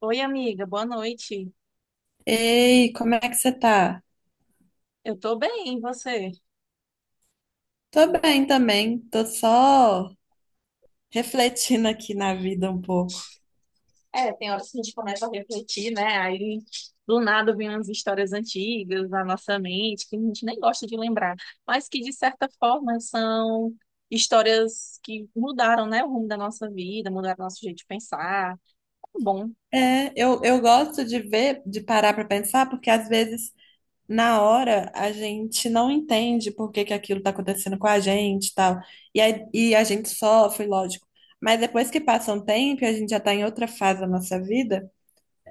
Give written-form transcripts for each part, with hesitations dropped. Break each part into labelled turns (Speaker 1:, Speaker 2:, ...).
Speaker 1: Oi, amiga, boa noite.
Speaker 2: Ei, como é que você tá?
Speaker 1: Eu tô bem, e você?
Speaker 2: Tô bem também, tô só refletindo aqui na vida um pouco.
Speaker 1: É, tem horas que a gente começa a refletir, né? Aí do nada vem umas histórias antigas na nossa mente que a gente nem gosta de lembrar, mas que de certa forma são histórias que mudaram, né, o rumo da nossa vida, mudaram nosso jeito de pensar. Bom,
Speaker 2: É, eu gosto de ver, de parar pra pensar, porque às vezes na hora a gente não entende por que que aquilo tá acontecendo com a gente e tal. E, aí, e a gente sofre, lógico. Mas depois que passa um tempo e a gente já tá em outra fase da nossa vida,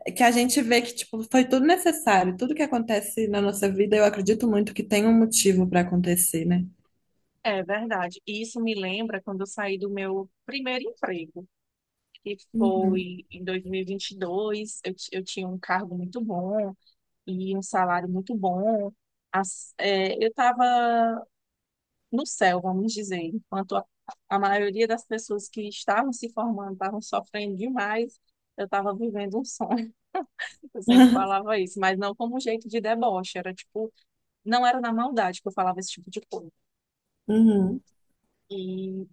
Speaker 2: é que a gente vê que tipo, foi tudo necessário. Tudo que acontece na nossa vida, eu acredito muito que tem um motivo pra acontecer, né?
Speaker 1: é verdade. E isso me lembra quando eu saí do meu primeiro emprego, que
Speaker 2: Uhum.
Speaker 1: foi em 2022. Eu tinha um cargo muito bom, e um salário muito bom. Eu estava no céu, vamos dizer, enquanto a maioria das pessoas que estavam se formando estavam sofrendo demais, eu estava vivendo um sonho. Eu sempre falava isso, mas não como um jeito de deboche, era tipo, não era na maldade que eu falava esse tipo de coisa.
Speaker 2: Uhum.
Speaker 1: E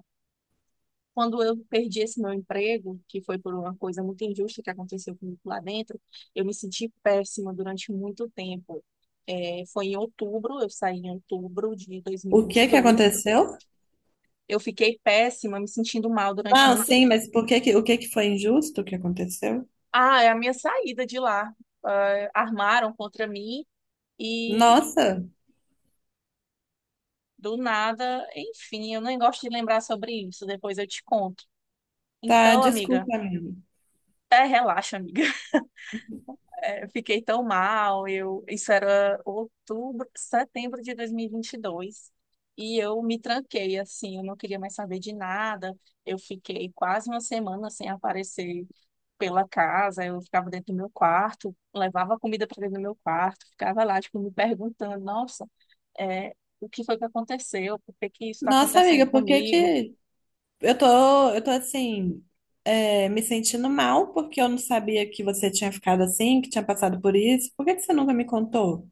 Speaker 1: Quando eu perdi esse meu emprego, que foi por uma coisa muito injusta que aconteceu comigo lá dentro, eu me senti péssima durante muito tempo. É, foi em outubro, eu saí em outubro de
Speaker 2: O que que
Speaker 1: 2022.
Speaker 2: aconteceu?
Speaker 1: Eu fiquei péssima, me sentindo mal durante
Speaker 2: Não,
Speaker 1: muito
Speaker 2: sim,
Speaker 1: tempo.
Speaker 2: mas por que que, o que que foi injusto que aconteceu?
Speaker 1: Ah, é a minha saída de lá. Ah, armaram contra mim e
Speaker 2: Nossa,
Speaker 1: do nada, enfim, eu nem gosto de lembrar sobre isso, depois eu te conto.
Speaker 2: tá,
Speaker 1: Então, amiga,
Speaker 2: desculpa, amiga.
Speaker 1: até relaxa, amiga. Eu fiquei tão mal, eu, isso era outubro, setembro de 2022, e vinte e dois, e eu me tranquei, assim, eu não queria mais saber de nada, eu fiquei quase uma semana sem aparecer pela casa, eu ficava dentro do meu quarto, levava comida para dentro do meu quarto, ficava lá, tipo, me perguntando, nossa, é, o que foi que aconteceu, por que que isso está
Speaker 2: Nossa,
Speaker 1: acontecendo
Speaker 2: amiga, por que
Speaker 1: comigo.
Speaker 2: que eu tô, eu tô assim, é, me sentindo mal porque eu não sabia que você tinha ficado assim, que tinha passado por isso. Por que que você nunca me contou?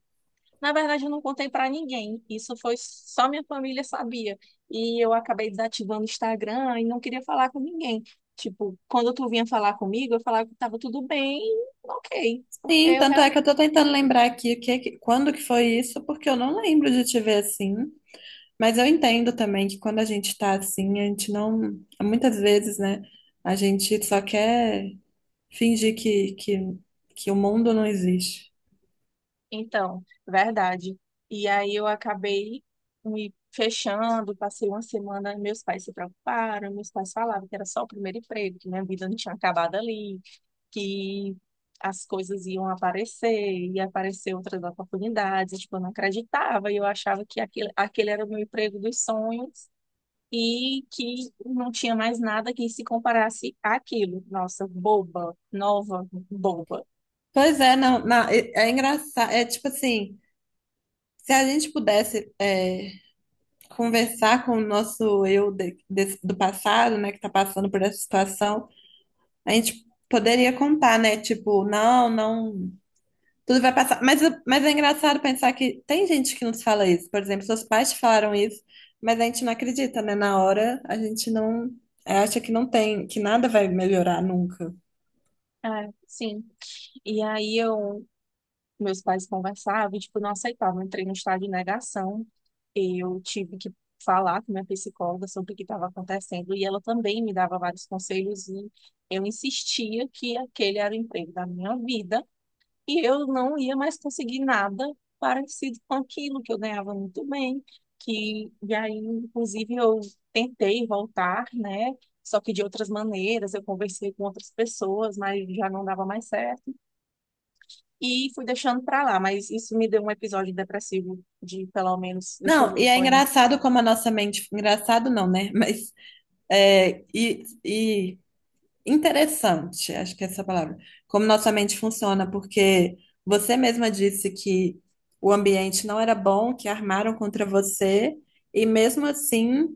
Speaker 1: Na verdade, eu não contei para ninguém. Isso foi só minha família sabia. E eu acabei desativando o Instagram e não queria falar com ninguém. Tipo, quando tu vinha falar comigo, eu falava que tava tudo bem, ok, porque
Speaker 2: Sim,
Speaker 1: eu
Speaker 2: tanto é
Speaker 1: realmente.
Speaker 2: que eu tô tentando lembrar aqui o que, quando que foi isso, porque eu não lembro de te ver assim. Mas eu entendo também que quando a gente tá assim, a gente não, muitas vezes, né? A gente só quer fingir que o mundo não existe.
Speaker 1: Então, verdade. E aí eu acabei me fechando, passei uma semana, meus pais se preocuparam, meus pais falavam que era só o primeiro emprego, que minha vida não tinha acabado ali, que as coisas iam aparecer, ia aparecer outras oportunidades, tipo, eu não acreditava, e eu achava que aquele era o meu emprego dos sonhos e que não tinha mais nada que se comparasse àquilo. Nossa, boba, nova, boba.
Speaker 2: Pois é, não, não, é, é engraçado. É tipo assim, se a gente pudesse é, conversar com o nosso eu do passado, né, que tá passando por essa situação, a gente poderia contar, né? Tipo, não, não, tudo vai passar. Mas é engraçado pensar que tem gente que nos fala isso. Por exemplo, seus pais te falaram isso, mas a gente não acredita, né? Na hora, a gente não, é, acha que não tem, que nada vai melhorar nunca.
Speaker 1: É, sim. E aí eu Meus pais conversavam e, tipo, não aceitavam. Eu entrei no estado de negação. Eu tive que falar com minha psicóloga sobre o que estava acontecendo e ela também me dava vários conselhos e eu insistia que aquele era o emprego da minha vida e eu não ia mais conseguir nada parecido com aquilo que eu ganhava muito bem, que e aí, inclusive, eu tentei voltar, né? Só que de outras maneiras, eu conversei com outras pessoas, mas já não dava mais certo. E fui deixando pra lá, mas isso me deu um episódio depressivo de pelo menos, deixa eu
Speaker 2: Não, e
Speaker 1: ver,
Speaker 2: é
Speaker 1: foi.
Speaker 2: engraçado como a nossa mente. Engraçado não, né? Mas é, e interessante, acho que é essa a palavra. Como nossa mente funciona, porque você mesma disse que o ambiente não era bom, que armaram contra você, e mesmo assim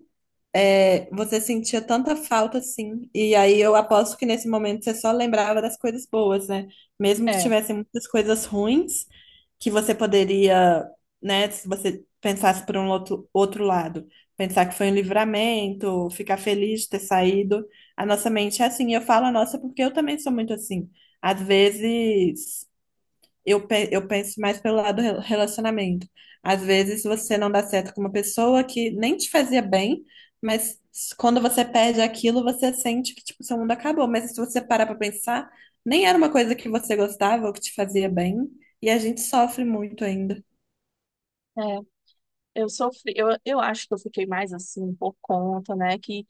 Speaker 2: é, você sentia tanta falta assim. E aí eu aposto que nesse momento você só lembrava das coisas boas, né? Mesmo que
Speaker 1: É,
Speaker 2: tivessem muitas coisas ruins, que você poderia, né, se você pensasse por um outro, outro lado, pensar que foi um livramento, ficar feliz de ter saído. A nossa mente é assim. E eu falo a nossa porque eu também sou muito assim. Às vezes. Eu, eu penso mais pelo lado relacionamento. Às vezes você não dá certo com uma pessoa que nem te fazia bem, mas quando você perde aquilo, você sente que tipo, seu mundo acabou. Mas se você parar pra pensar, nem era uma coisa que você gostava ou que te fazia bem, e a gente sofre muito ainda.
Speaker 1: é, eu sofri, eu acho que eu fiquei mais assim por conta, né, que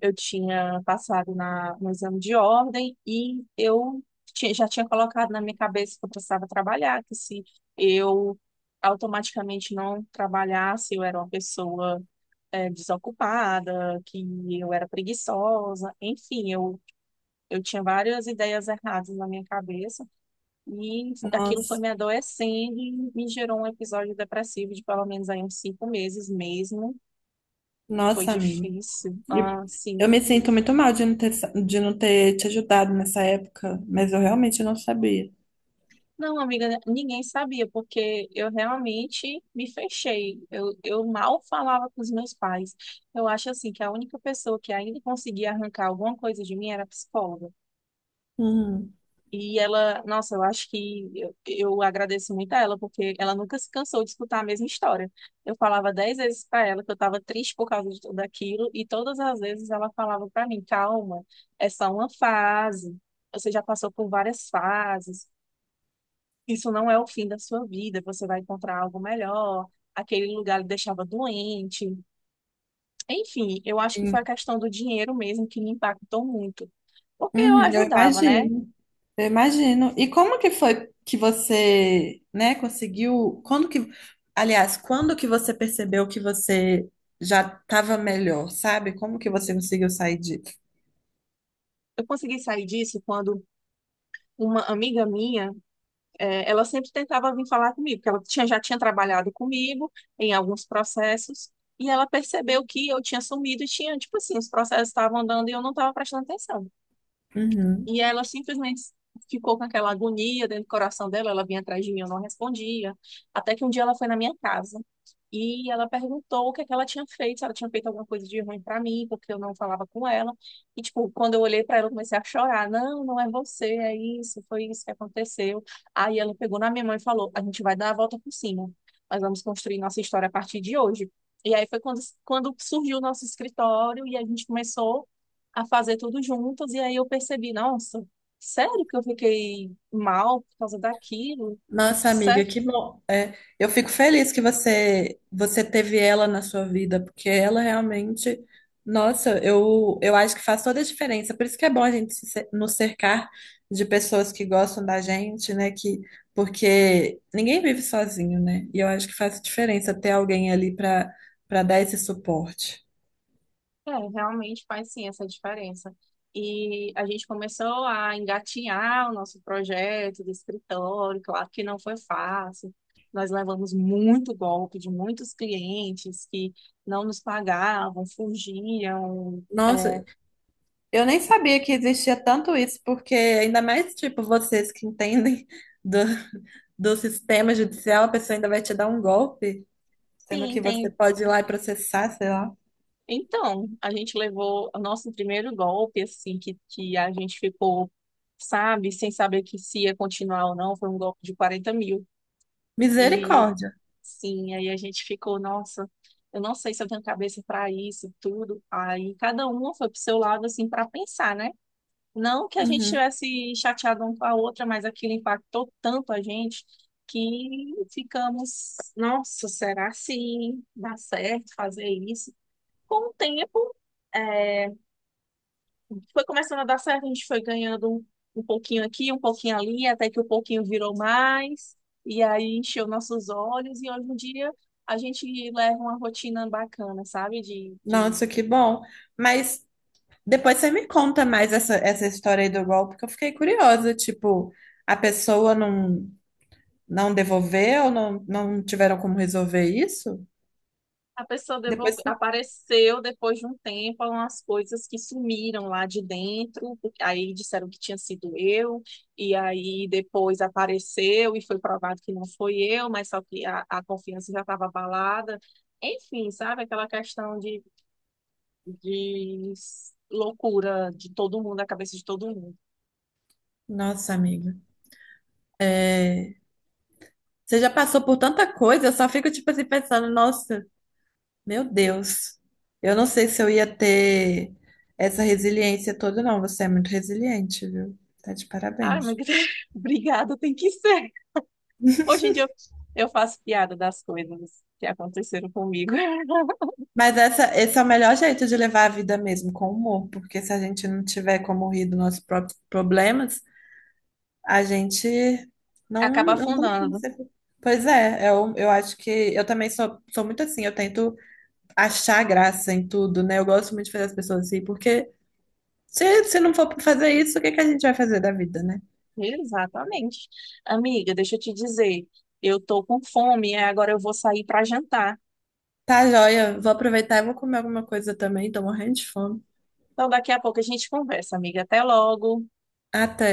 Speaker 1: eu tinha passado no exame de ordem e eu já tinha colocado na minha cabeça que eu precisava trabalhar, que se eu automaticamente não trabalhasse, eu era uma pessoa desocupada, que eu era preguiçosa, enfim, eu tinha várias ideias erradas na minha cabeça. E aquilo foi
Speaker 2: Nossa,
Speaker 1: me adoecendo e me gerou um episódio depressivo de pelo menos aí uns 5 meses mesmo. Foi
Speaker 2: nossa, amiga.
Speaker 1: difícil.
Speaker 2: E
Speaker 1: Ah,
Speaker 2: eu
Speaker 1: sim.
Speaker 2: me sinto muito mal de não ter, de não ter te ajudado nessa época, mas eu realmente não sabia.
Speaker 1: Não, amiga, ninguém sabia, porque eu realmente me fechei. Eu mal falava com os meus pais. Eu acho assim que a única pessoa que ainda conseguia arrancar alguma coisa de mim era a psicóloga.
Speaker 2: Uhum,
Speaker 1: E ela, nossa, eu acho que eu agradeço muito a ela, porque ela nunca se cansou de escutar a mesma história. Eu falava 10 vezes para ela que eu estava triste por causa de tudo aquilo, e todas as vezes ela falava para mim: calma, é só uma fase, você já passou por várias fases, isso não é o fim da sua vida, você vai encontrar algo melhor. Aquele lugar lhe deixava doente. Enfim, eu acho que foi a
Speaker 2: sim.
Speaker 1: questão do dinheiro mesmo que me impactou muito, porque eu
Speaker 2: Uhum, eu
Speaker 1: ajudava, né?
Speaker 2: imagino. Eu imagino. E como que foi que você, né, conseguiu? Quando que, aliás, quando que você percebeu que você já estava melhor, sabe? Como que você conseguiu sair disso?
Speaker 1: Eu consegui sair disso quando uma amiga minha, ela sempre tentava vir falar comigo, porque ela já tinha trabalhado comigo em alguns processos, e ela percebeu que eu tinha sumido e tinha, tipo assim, os processos estavam andando e eu não estava prestando atenção.
Speaker 2: Uhum.
Speaker 1: E ela simplesmente ficou com aquela agonia dentro do coração dela, ela vinha atrás de mim, eu não respondia. Até que um dia ela foi na minha casa e ela perguntou o que é que ela tinha feito, se ela tinha feito alguma coisa de ruim pra mim, porque eu não falava com ela. E, tipo, quando eu olhei pra ela, eu comecei a chorar. Não, não é você, é isso, foi isso que aconteceu. Aí ela pegou na minha mão e falou: a gente vai dar a volta por cima, nós vamos construir nossa história a partir de hoje. E aí foi quando surgiu o nosso escritório e a gente começou a fazer tudo juntos, e aí eu percebi, nossa, sério que eu fiquei mal por causa daquilo?
Speaker 2: Nossa, amiga,
Speaker 1: Sério?
Speaker 2: que bom. É, eu fico feliz que você teve ela na sua vida, porque ela realmente, nossa, eu acho que faz toda a diferença. Por isso que é bom a gente se cer- nos cercar de pessoas que gostam da gente, né? Que, porque ninguém vive sozinho, né? E eu acho que faz diferença ter alguém ali para dar esse suporte.
Speaker 1: É, realmente faz sim essa diferença. E a gente começou a engatinhar o nosso projeto do escritório, claro que não foi fácil. Nós levamos muito golpe de muitos clientes que não nos pagavam, fugiam.
Speaker 2: Nossa,
Speaker 1: É,
Speaker 2: eu nem sabia que existia tanto isso, porque ainda mais, tipo, vocês que entendem do, do sistema judicial, a pessoa ainda vai te dar um golpe, sendo
Speaker 1: Sim,
Speaker 2: que você
Speaker 1: tem
Speaker 2: pode ir lá e processar, sei lá.
Speaker 1: Então, a gente levou o nosso primeiro golpe, assim, que a gente ficou, sabe, sem saber que se ia continuar ou não, foi um golpe de 40 mil. E,
Speaker 2: Misericórdia.
Speaker 1: sim, aí a gente ficou, nossa, eu não sei se eu tenho cabeça para isso, tudo. Aí cada uma foi pro seu lado, assim, para pensar, né? Não que a gente
Speaker 2: Uhum.
Speaker 1: tivesse chateado um com a outra, mas aquilo impactou tanto a gente que ficamos, nossa, será que dá certo fazer isso? Com o tempo, é, foi começando a dar certo, a gente foi ganhando um, um pouquinho aqui, um pouquinho ali, até que o pouquinho virou mais, e aí encheu nossos olhos, e hoje em dia a gente leva uma rotina bacana, sabe? De
Speaker 2: Nossa, que bom. Mas depois você me conta mais essa, essa história aí do golpe, que eu fiquei curiosa. Tipo, a pessoa não, não devolveu, não, não tiveram como resolver isso?
Speaker 1: A pessoa
Speaker 2: Depois você...
Speaker 1: apareceu depois de um tempo umas coisas que sumiram lá de dentro, porque aí disseram que tinha sido eu, e aí depois apareceu e foi provado que não foi eu, mas só que a confiança já estava abalada. Enfim, sabe? Aquela questão de loucura de todo mundo, a cabeça de todo mundo.
Speaker 2: Nossa, amiga. É, você já passou por tanta coisa, eu só fico tipo assim pensando, nossa, meu Deus. Eu não sei se eu ia ter essa resiliência toda, não. Você é muito resiliente, viu? Tá de
Speaker 1: Ai, mas
Speaker 2: parabéns.
Speaker 1: obrigada, tem que ser. Hoje em dia eu faço piada das coisas que aconteceram comigo.
Speaker 2: Mas essa, esse é o melhor jeito de levar a vida mesmo, com humor, porque se a gente não tiver como rir dos nossos próprios problemas, a gente não,
Speaker 1: Acaba
Speaker 2: não tem como
Speaker 1: afundando.
Speaker 2: ser. Pois é, eu acho que eu também sou, sou muito assim, eu tento achar graça em tudo, né? Eu gosto muito de fazer as pessoas rir, porque se não for fazer isso, o que que a gente vai fazer da vida, né?
Speaker 1: Exatamente. Amiga, deixa eu te dizer, eu tô com fome, é, agora eu vou sair para jantar.
Speaker 2: Tá, joia. Vou aproveitar e vou comer alguma coisa também. Tô morrendo de fome.
Speaker 1: Então daqui a pouco a gente conversa, amiga. Até logo.
Speaker 2: Até.